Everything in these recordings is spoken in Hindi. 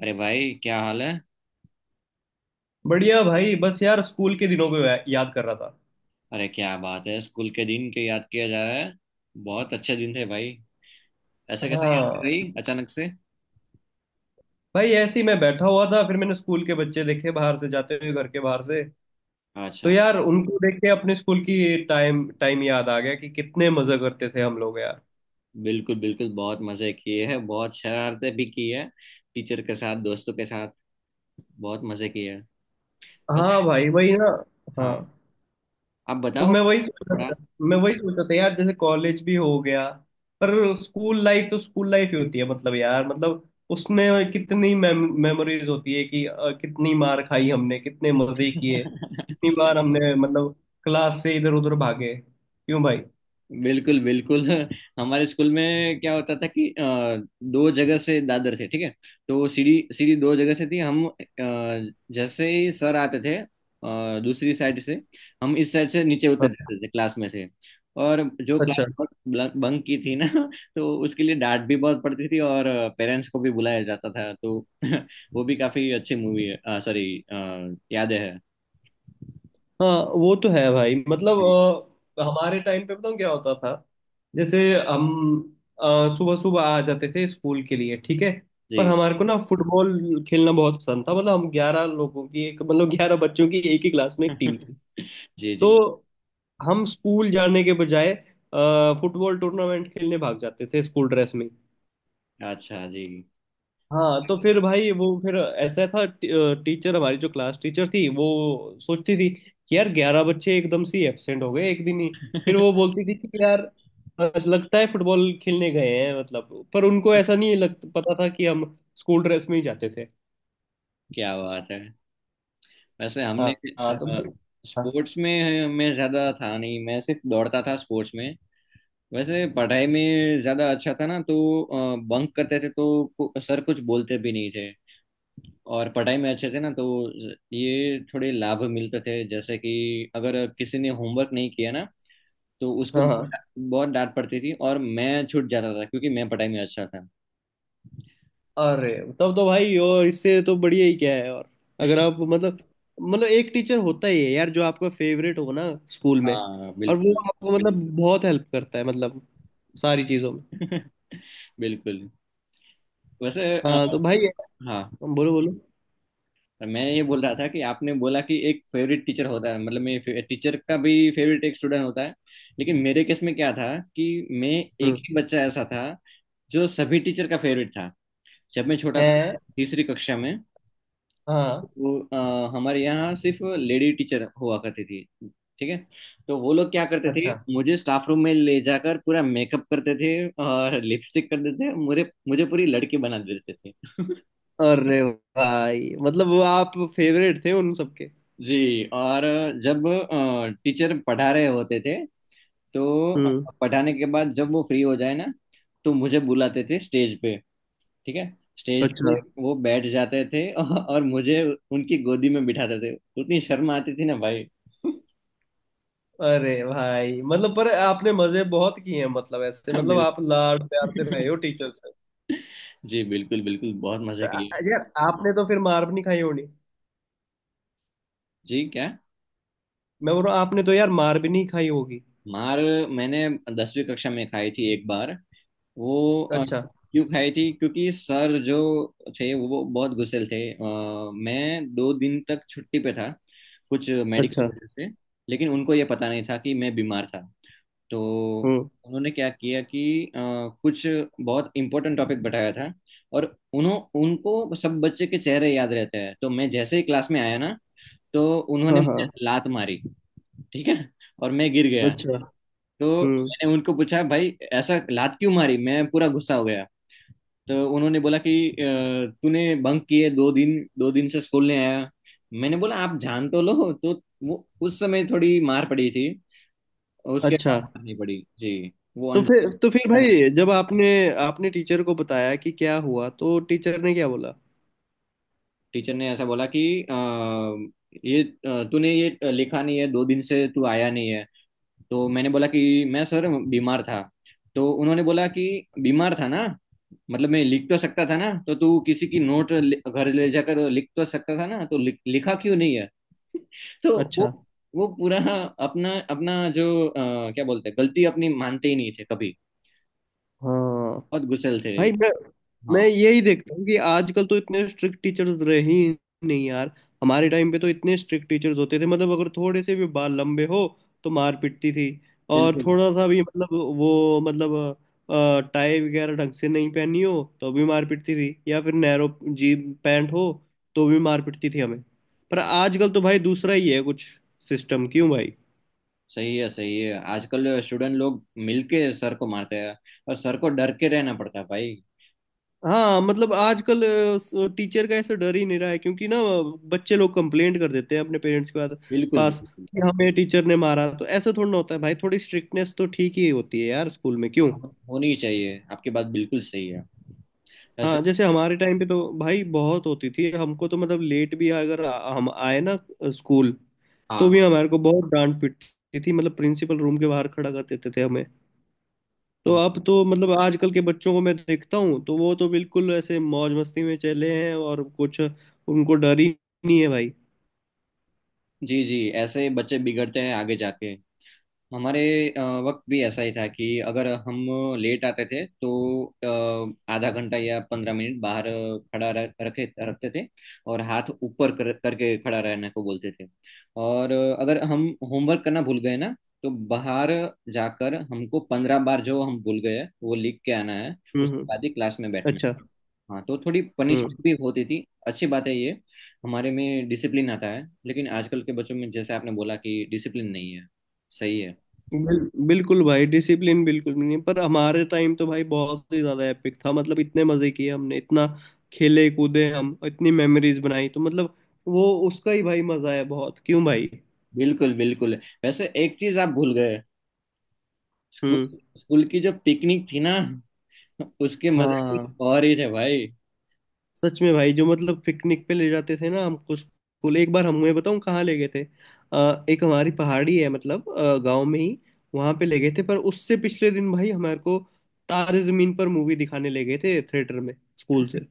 अरे भाई, क्या हाल है। बढ़िया भाई। बस यार स्कूल के दिनों को याद कर रहा था। अरे क्या बात है, स्कूल के दिन के याद किया जा रहा है। बहुत अच्छे दिन थे भाई। ऐसे कैसे याद आ हाँ। गई अचानक से। भाई ऐसे ही मैं बैठा हुआ था, फिर मैंने स्कूल के बच्चे देखे बाहर से जाते हुए, घर के बाहर से। तो अच्छा। यार उनको देख के अपने स्कूल की टाइम टाइम याद आ गया कि कितने मजे करते थे हम लोग यार। बिल्कुल बिल्कुल, बहुत मजे किए हैं, बहुत शरारतें भी की है। टीचर के साथ, दोस्तों के साथ। बहुत मजे किए हैं। हाँ वैसे। भाई, वही ना। हाँ, हाँ। आप तो बताओ। मैं वही सोच रहा थोड़ा। था। मैं वही सोच रहा था यार, जैसे कॉलेज भी हो गया, पर स्कूल लाइफ तो स्कूल लाइफ ही होती है। मतलब यार, मतलब उसमें कितनी मेमोरीज होती है कि कितनी मार खाई हमने, कितने मजे किए, कितनी बार हमने मतलब क्लास से इधर उधर भागे, क्यों भाई। बिल्कुल बिल्कुल। हमारे स्कूल में क्या होता था कि दो जगह से दादर थे, ठीक है। तो सीढ़ी सीढ़ी दो जगह से थी। हम जैसे ही सर आते थे दूसरी साइड से, हम इस साइड से नीचे उतर हाँ। जाते थे क्लास में से। और जो अच्छा। क्लास बंक की थी ना, तो उसके लिए डांट भी बहुत पड़ती थी, और पेरेंट्स को भी बुलाया जाता था तो। वो भी काफी अच्छी मूवी है, सॉरी, यादें है। हाँ, वो तो है भाई, मतलब हमारे टाइम पे बताऊँ क्या होता था। जैसे हम सुबह सुबह आ जाते थे स्कूल के लिए, ठीक है। पर जी। हमारे को ना फुटबॉल खेलना बहुत पसंद था, मतलब हम 11 लोगों की एक, मतलब 11 बच्चों की एक ही क्लास में एक टीम थी। जी जी। तो हम स्कूल जाने के बजाय फुटबॉल टूर्नामेंट खेलने भाग जाते थे स्कूल ड्रेस में। अच्छा जी। हाँ, तो फिर भाई वो फिर ऐसा था, टीचर हमारी जो क्लास टीचर थी, वो सोचती थी कि यार 11 बच्चे एकदम से एब्सेंट हो गए एक दिन ही। फिर वो बोलती थी कि यार लगता है फुटबॉल खेलने गए हैं। मतलब पर उनको ऐसा नहीं लग पता था कि हम स्कूल ड्रेस में ही जाते थे। क्या बात है। वैसे हाँ। हमने हाँ तो भाई। हाँ। स्पोर्ट्स में मैं ज़्यादा था नहीं, मैं सिर्फ दौड़ता था स्पोर्ट्स में। वैसे पढ़ाई में ज़्यादा अच्छा था ना, तो बंक करते थे तो सर कुछ बोलते भी नहीं थे। और पढ़ाई में अच्छे थे ना तो ये थोड़े लाभ मिलते थे, जैसे कि अगर किसी ने होमवर्क नहीं किया ना, तो उसको हाँ बहुत हाँ। बहुत डांट पड़ती थी, और मैं छूट जाता था क्योंकि मैं पढ़ाई में अच्छा था। अरे, तब तो भाई और इससे तो बढ़िया ही क्या है। और अगर आप मतलब, मतलब एक टीचर होता ही है यार जो आपका फेवरेट हो ना स्कूल में। हाँ और वो बिल्कुल। आपको मतलब बहुत हेल्प करता है, मतलब सारी चीजों में। बिल्कुल। वैसे, हाँ तो भाई, हाँ, बोलो बोलो। मैं ये बोल रहा था कि आपने बोला कि एक फेवरेट टीचर होता है, मतलब मैं टीचर का भी फेवरेट एक स्टूडेंट होता है। लेकिन मेरे केस में क्या था कि मैं हम्म। एक ही बच्चा ऐसा था जो सभी टीचर का फेवरेट था, जब मैं छोटा था, है। तीसरी कक्षा में। हाँ। तो हमारे यहाँ सिर्फ लेडी टीचर हुआ करती थी, ठीक है। तो वो लोग क्या करते थे, अच्छा। मुझे स्टाफ रूम में ले जाकर पूरा मेकअप करते थे। और लिपस्टिक कर देते थे मुझे मुझे पूरी लड़की बना देते थे। अरे भाई, मतलब वो आप फेवरेट थे उन सबके। जी। और जब टीचर पढ़ा रहे होते थे, तो हम्म। पढ़ाने के बाद जब वो फ्री हो जाए ना, तो मुझे बुलाते थे स्टेज पे, ठीक है। स्टेज पे अच्छा। वो बैठ जाते थे, और मुझे उनकी गोदी में बिठाते थे। उतनी शर्म आती थी ना भाई। अरे भाई, मतलब पर आपने मजे बहुत किए हैं, मतलब ऐसे मतलब आप बिल्कुल। लाड प्यार से रहे हो टीचर से। जी बिल्कुल बिल्कुल, बहुत मजे किए। यार आपने तो फिर मार भी नहीं खाई होनी। जी क्या? मैं बोल रहा हूँ आपने तो यार मार भी नहीं खाई होगी। मार मैंने 10वीं कक्षा में खाई थी एक बार। वो, अच्छा। क्यों खाई थी, क्योंकि सर जो थे वो बहुत गुस्सेल थे। मैं 2 दिन तक छुट्टी पे था, कुछ मेडिकल अच्छा। वजह से। लेकिन उनको ये पता नहीं था कि मैं बीमार था। तो हम्म। उन्होंने क्या किया कि, कुछ बहुत इंपॉर्टेंट टॉपिक बताया था। और उन्हों उनको सब बच्चे के चेहरे याद रहते हैं, तो मैं जैसे ही क्लास में आया ना, तो उन्होंने हाँ मुझे हाँ। लात मारी, ठीक है। और मैं गिर गया। अच्छा। तो हम्म। मैंने उनको पूछा, भाई ऐसा लात क्यों मारी, मैं पूरा गुस्सा हो गया। तो उन्होंने बोला कि, तूने बंक किए, 2 दिन से स्कूल नहीं आया। मैंने बोला, आप जान तो लो तो। वो उस समय थोड़ी मार पड़ी थी। उसके अच्छा, बाद मार नहीं पड़ी जी। वो तो फिर अनजान भाई जब आपने आपने टीचर को बताया कि क्या हुआ तो टीचर ने क्या बोला। टीचर ने ऐसा बोला कि, अ, ये, तूने ये लिखा नहीं है, 2 दिन से तू आया नहीं है। तो मैंने बोला कि मैं सर बीमार था। तो उन्होंने बोला कि बीमार था ना, मतलब मैं लिख तो सकता था ना, तो तू किसी की नोट घर ले जाकर लिख तो सकता था ना, तो लिखा क्यों नहीं है। तो वो अच्छा। वो पूरा, अपना अपना जो, क्या बोलते हैं, गलती अपनी मानते ही नहीं थे कभी। हाँ बहुत गुस्सेल थे। भाई। मैं हाँ यही देखता हूँ कि आजकल तो इतने स्ट्रिक्ट टीचर्स रहे ही नहीं यार। हमारे टाइम पे तो इतने स्ट्रिक्ट टीचर्स होते थे, मतलब अगर थोड़े से भी बाल लंबे हो तो मार पिटती थी। और बिल्कुल। थोड़ा सा भी मतलब, वो मतलब टाई वगैरह ढंग से नहीं पहनी हो तो भी मार पिटती थी, या फिर नैरो जी पैंट हो तो भी मार पिटती थी हमें। पर आजकल तो भाई दूसरा ही है कुछ सिस्टम, क्यों भाई। सही है, सही है। आजकल स्टूडेंट लोग मिलके सर को मारते हैं, और सर को डर के रहना पड़ता है भाई। हाँ मतलब आजकल टीचर का ऐसा डर ही नहीं रहा है, क्योंकि ना बच्चे लोग कंप्लेंट कर देते हैं अपने पेरेंट्स के पास बिल्कुल पास बिल्कुल। कि हमें टीचर ने मारा। तो ऐसा थोड़ा ना होता है भाई, थोड़ी स्ट्रिक्टनेस तो ठीक ही होती है यार स्कूल में, क्यों। हाँ, होनी चाहिए, आपकी बात बिल्कुल सही है। ऐसे। हाँ, जैसे हमारे टाइम पे तो भाई बहुत होती थी। हमको तो मतलब लेट भी अगर हम आए ना स्कूल तो हाँ। भी हमारे को बहुत डांट पीटती थी, मतलब प्रिंसिपल रूम के बाहर खड़ा कर देते थे हमें। तो अब- अब तो मतलब आजकल के बच्चों को मैं देखता हूँ, तो वो तो बिल्कुल ऐसे मौज मस्ती में चले हैं और कुछ उनको डर ही नहीं है भाई। जी जी, ऐसे बच्चे बिगड़ते हैं आगे जाके। हमारे अ, वक्त भी ऐसा ही था कि अगर हम लेट आते थे तो, आधा घंटा या 15 मिनट बाहर खड़ा रख रखे रखते थे। और हाथ ऊपर करके खड़ा रहने को बोलते थे। और अगर हम होमवर्क करना भूल गए ना, तो बाहर जाकर हमको 15 बार जो हम भूल गए वो लिख के आना है। उसके हम्म। बाद ही क्लास में बैठना अच्छा। है। हाँ तो थोड़ी हम्म। पनिशमेंट भी होती थी। अच्छी बात है ये। हमारे में डिसिप्लिन आता है, लेकिन आजकल के बच्चों में जैसे आपने बोला कि डिसिप्लिन नहीं है। सही है। बिल, बिल्कुल भाई, डिसिप्लिन बिल्कुल भी नहीं। पर हमारे टाइम तो भाई बहुत ही ज्यादा एपिक था, मतलब इतने मजे किए हमने, इतना खेले कूदे हम, इतनी मेमोरीज बनाई, तो मतलब वो उसका ही भाई मजा है बहुत, क्यों भाई। बिल्कुल बिल्कुल। वैसे एक चीज आप भूल गए। स्कूल हम्म। स्कूल की जो पिकनिक थी ना, उसके मजे कुछ हाँ और ही थे भाई। सच में भाई, जो मतलब पिकनिक पे ले जाते थे ना हमको स्कूल, एक बार हमें बताऊं कहाँ ले गए थे। एक हमारी पहाड़ी है, मतलब गांव में ही, वहां पे ले गए थे। पर उससे पिछले दिन भाई हमारे को तारे जमीन पर मूवी दिखाने ले गए थे थिएटर में, स्कूल से।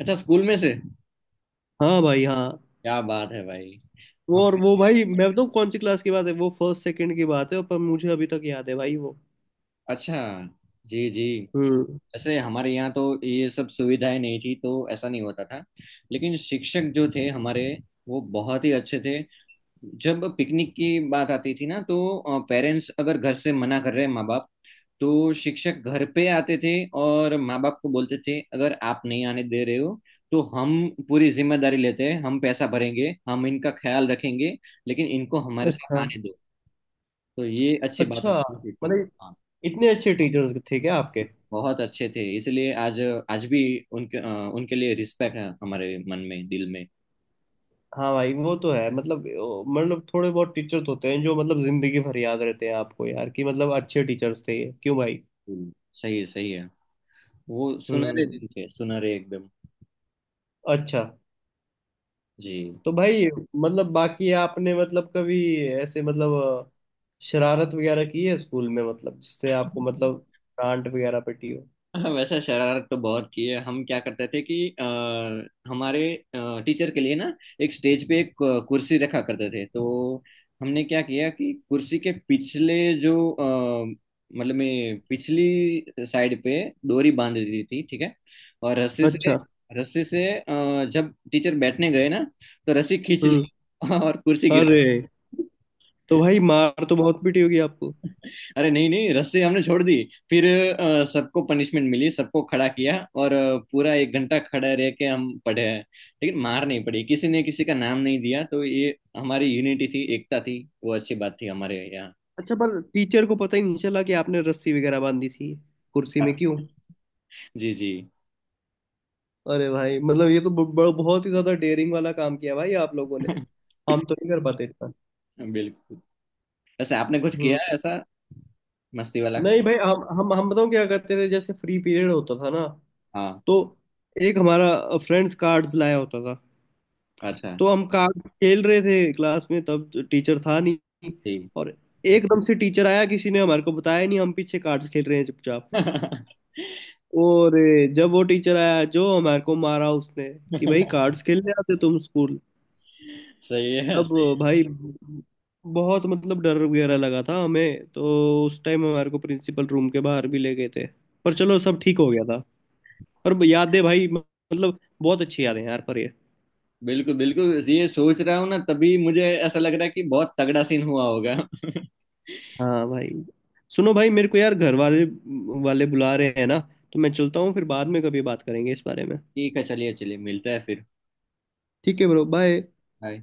अच्छा, स्कूल में से। हाँ भाई हाँ। क्या बात है भाई। वो हम और वो भाई मैं बताऊँ कौन सी क्लास की बात है, वो फर्स्ट सेकंड की बात है, पर मुझे अभी तक याद है भाई वो। अच्छा। जी जी। हम्म। वैसे हमारे यहाँ तो ये सब सुविधाएं नहीं थी, तो ऐसा नहीं होता था। लेकिन शिक्षक जो थे हमारे, वो बहुत ही अच्छे थे। जब पिकनिक की बात आती थी ना, तो पेरेंट्स अगर घर से मना कर रहे हैं, माँ बाप, तो शिक्षक घर पे आते थे। और माँ बाप को बोलते थे, अगर आप नहीं आने दे रहे हो तो हम पूरी जिम्मेदारी लेते हैं, हम पैसा भरेंगे, हम इनका ख्याल रखेंगे, लेकिन इनको हमारे साथ अच्छा। आने दो। तो ये अच्छी बात अच्छा, होती थी। मतलब हाँ। इतने अच्छे टीचर्स थे क्या आपके। बहुत अच्छे थे, इसलिए आज आज भी उनके लिए रिस्पेक्ट है हमारे मन में, दिल में। हाँ भाई, वो तो है, मतलब मतलब थोड़े बहुत टीचर्स होते हैं जो मतलब जिंदगी भर याद रहते हैं आपको यार, कि मतलब अच्छे टीचर्स थे ये, क्यों भाई। सही है, सही है। वो सुनहरे हम्म। दिन थे, सुनहरे एकदम। अच्छा। जी। तो भाई, मतलब बाकी आपने मतलब कभी ऐसे मतलब अ, शरारत वगैरह की है स्कूल में मतलब जिससे आपको मतलब डांट वगैरह पिटी हो। हाँ, वैसे शरारत तो बहुत की है। हम क्या करते थे कि, हमारे टीचर के लिए ना एक स्टेज पे एक, कुर्सी रखा करते थे। तो हमने क्या किया कि कुर्सी के पिछले जो, मतलब में पिछली साइड पे डोरी बांध दी थी, ठीक है। और अच्छा। रस्सी से जब टीचर बैठने गए ना, तो रस्सी खींच हम्म। ली। और कुर्सी हाँ। गिरा। अरे, तो भाई मार तो बहुत पीटी होगी आपको। अरे नहीं नहीं, रस्सी हमने छोड़ दी। फिर सबको पनिशमेंट मिली, सबको खड़ा किया, और पूरा 1 घंटा खड़ा रह के हम पढ़े हैं। लेकिन मार नहीं पड़ी, किसी ने किसी का नाम नहीं दिया, तो ये हमारी यूनिटी थी, एकता थी। वो अच्छी बात थी हमारे यहाँ। अच्छा, पर टीचर को पता ही नहीं चला कि आपने रस्सी वगैरह बांधी थी कुर्सी में, क्यों। जी जी। अरे भाई, मतलब ये तो बहुत ही ज्यादा डेयरिंग वाला काम किया भाई आप लोगों ने। हम तो नहीं कर पाते इतना। बिल्कुल। वैसे आपने कुछ हम्म। किया है ऐसा मस्ती वाला? नहीं भाई, हम बताऊँ क्या करते थे, जैसे फ्री पीरियड होता था ना, हाँ। तो एक हमारा फ्रेंड्स कार्ड्स लाया होता था। अच्छा। तो हम कार्ड खेल रहे थे क्लास में, तब टीचर था नहीं। ठीक। और एकदम से टीचर आया, किसी ने हमारे को बताया नहीं, हम पीछे कार्ड्स खेल रहे हैं चुपचाप। और जब वो टीचर आया जो हमारे को मारा उसने, कि भाई कार्ड्स खेलने आते तुम स्कूल। सही है, अब सही है। भाई बहुत मतलब डर वगैरह लगा था हमें तो। उस टाइम हमारे को प्रिंसिपल रूम के बाहर भी ले गए थे। पर चलो सब ठीक हो गया था। और यादें भाई, मतलब बहुत अच्छी यादें हैं यार पर ये। बिल्कुल बिल्कुल, ये सोच रहा हूँ ना, तभी मुझे ऐसा लग रहा है कि बहुत तगड़ा सीन हुआ होगा। हाँ भाई। सुनो भाई मेरे को यार घर वाले वाले बुला रहे हैं ना, तो मैं चलता हूँ, फिर बाद में कभी बात करेंगे इस बारे में। ठीक है, चलिए चलिए, मिलते हैं फिर। ठीक है ब्रो, बाय। बाय।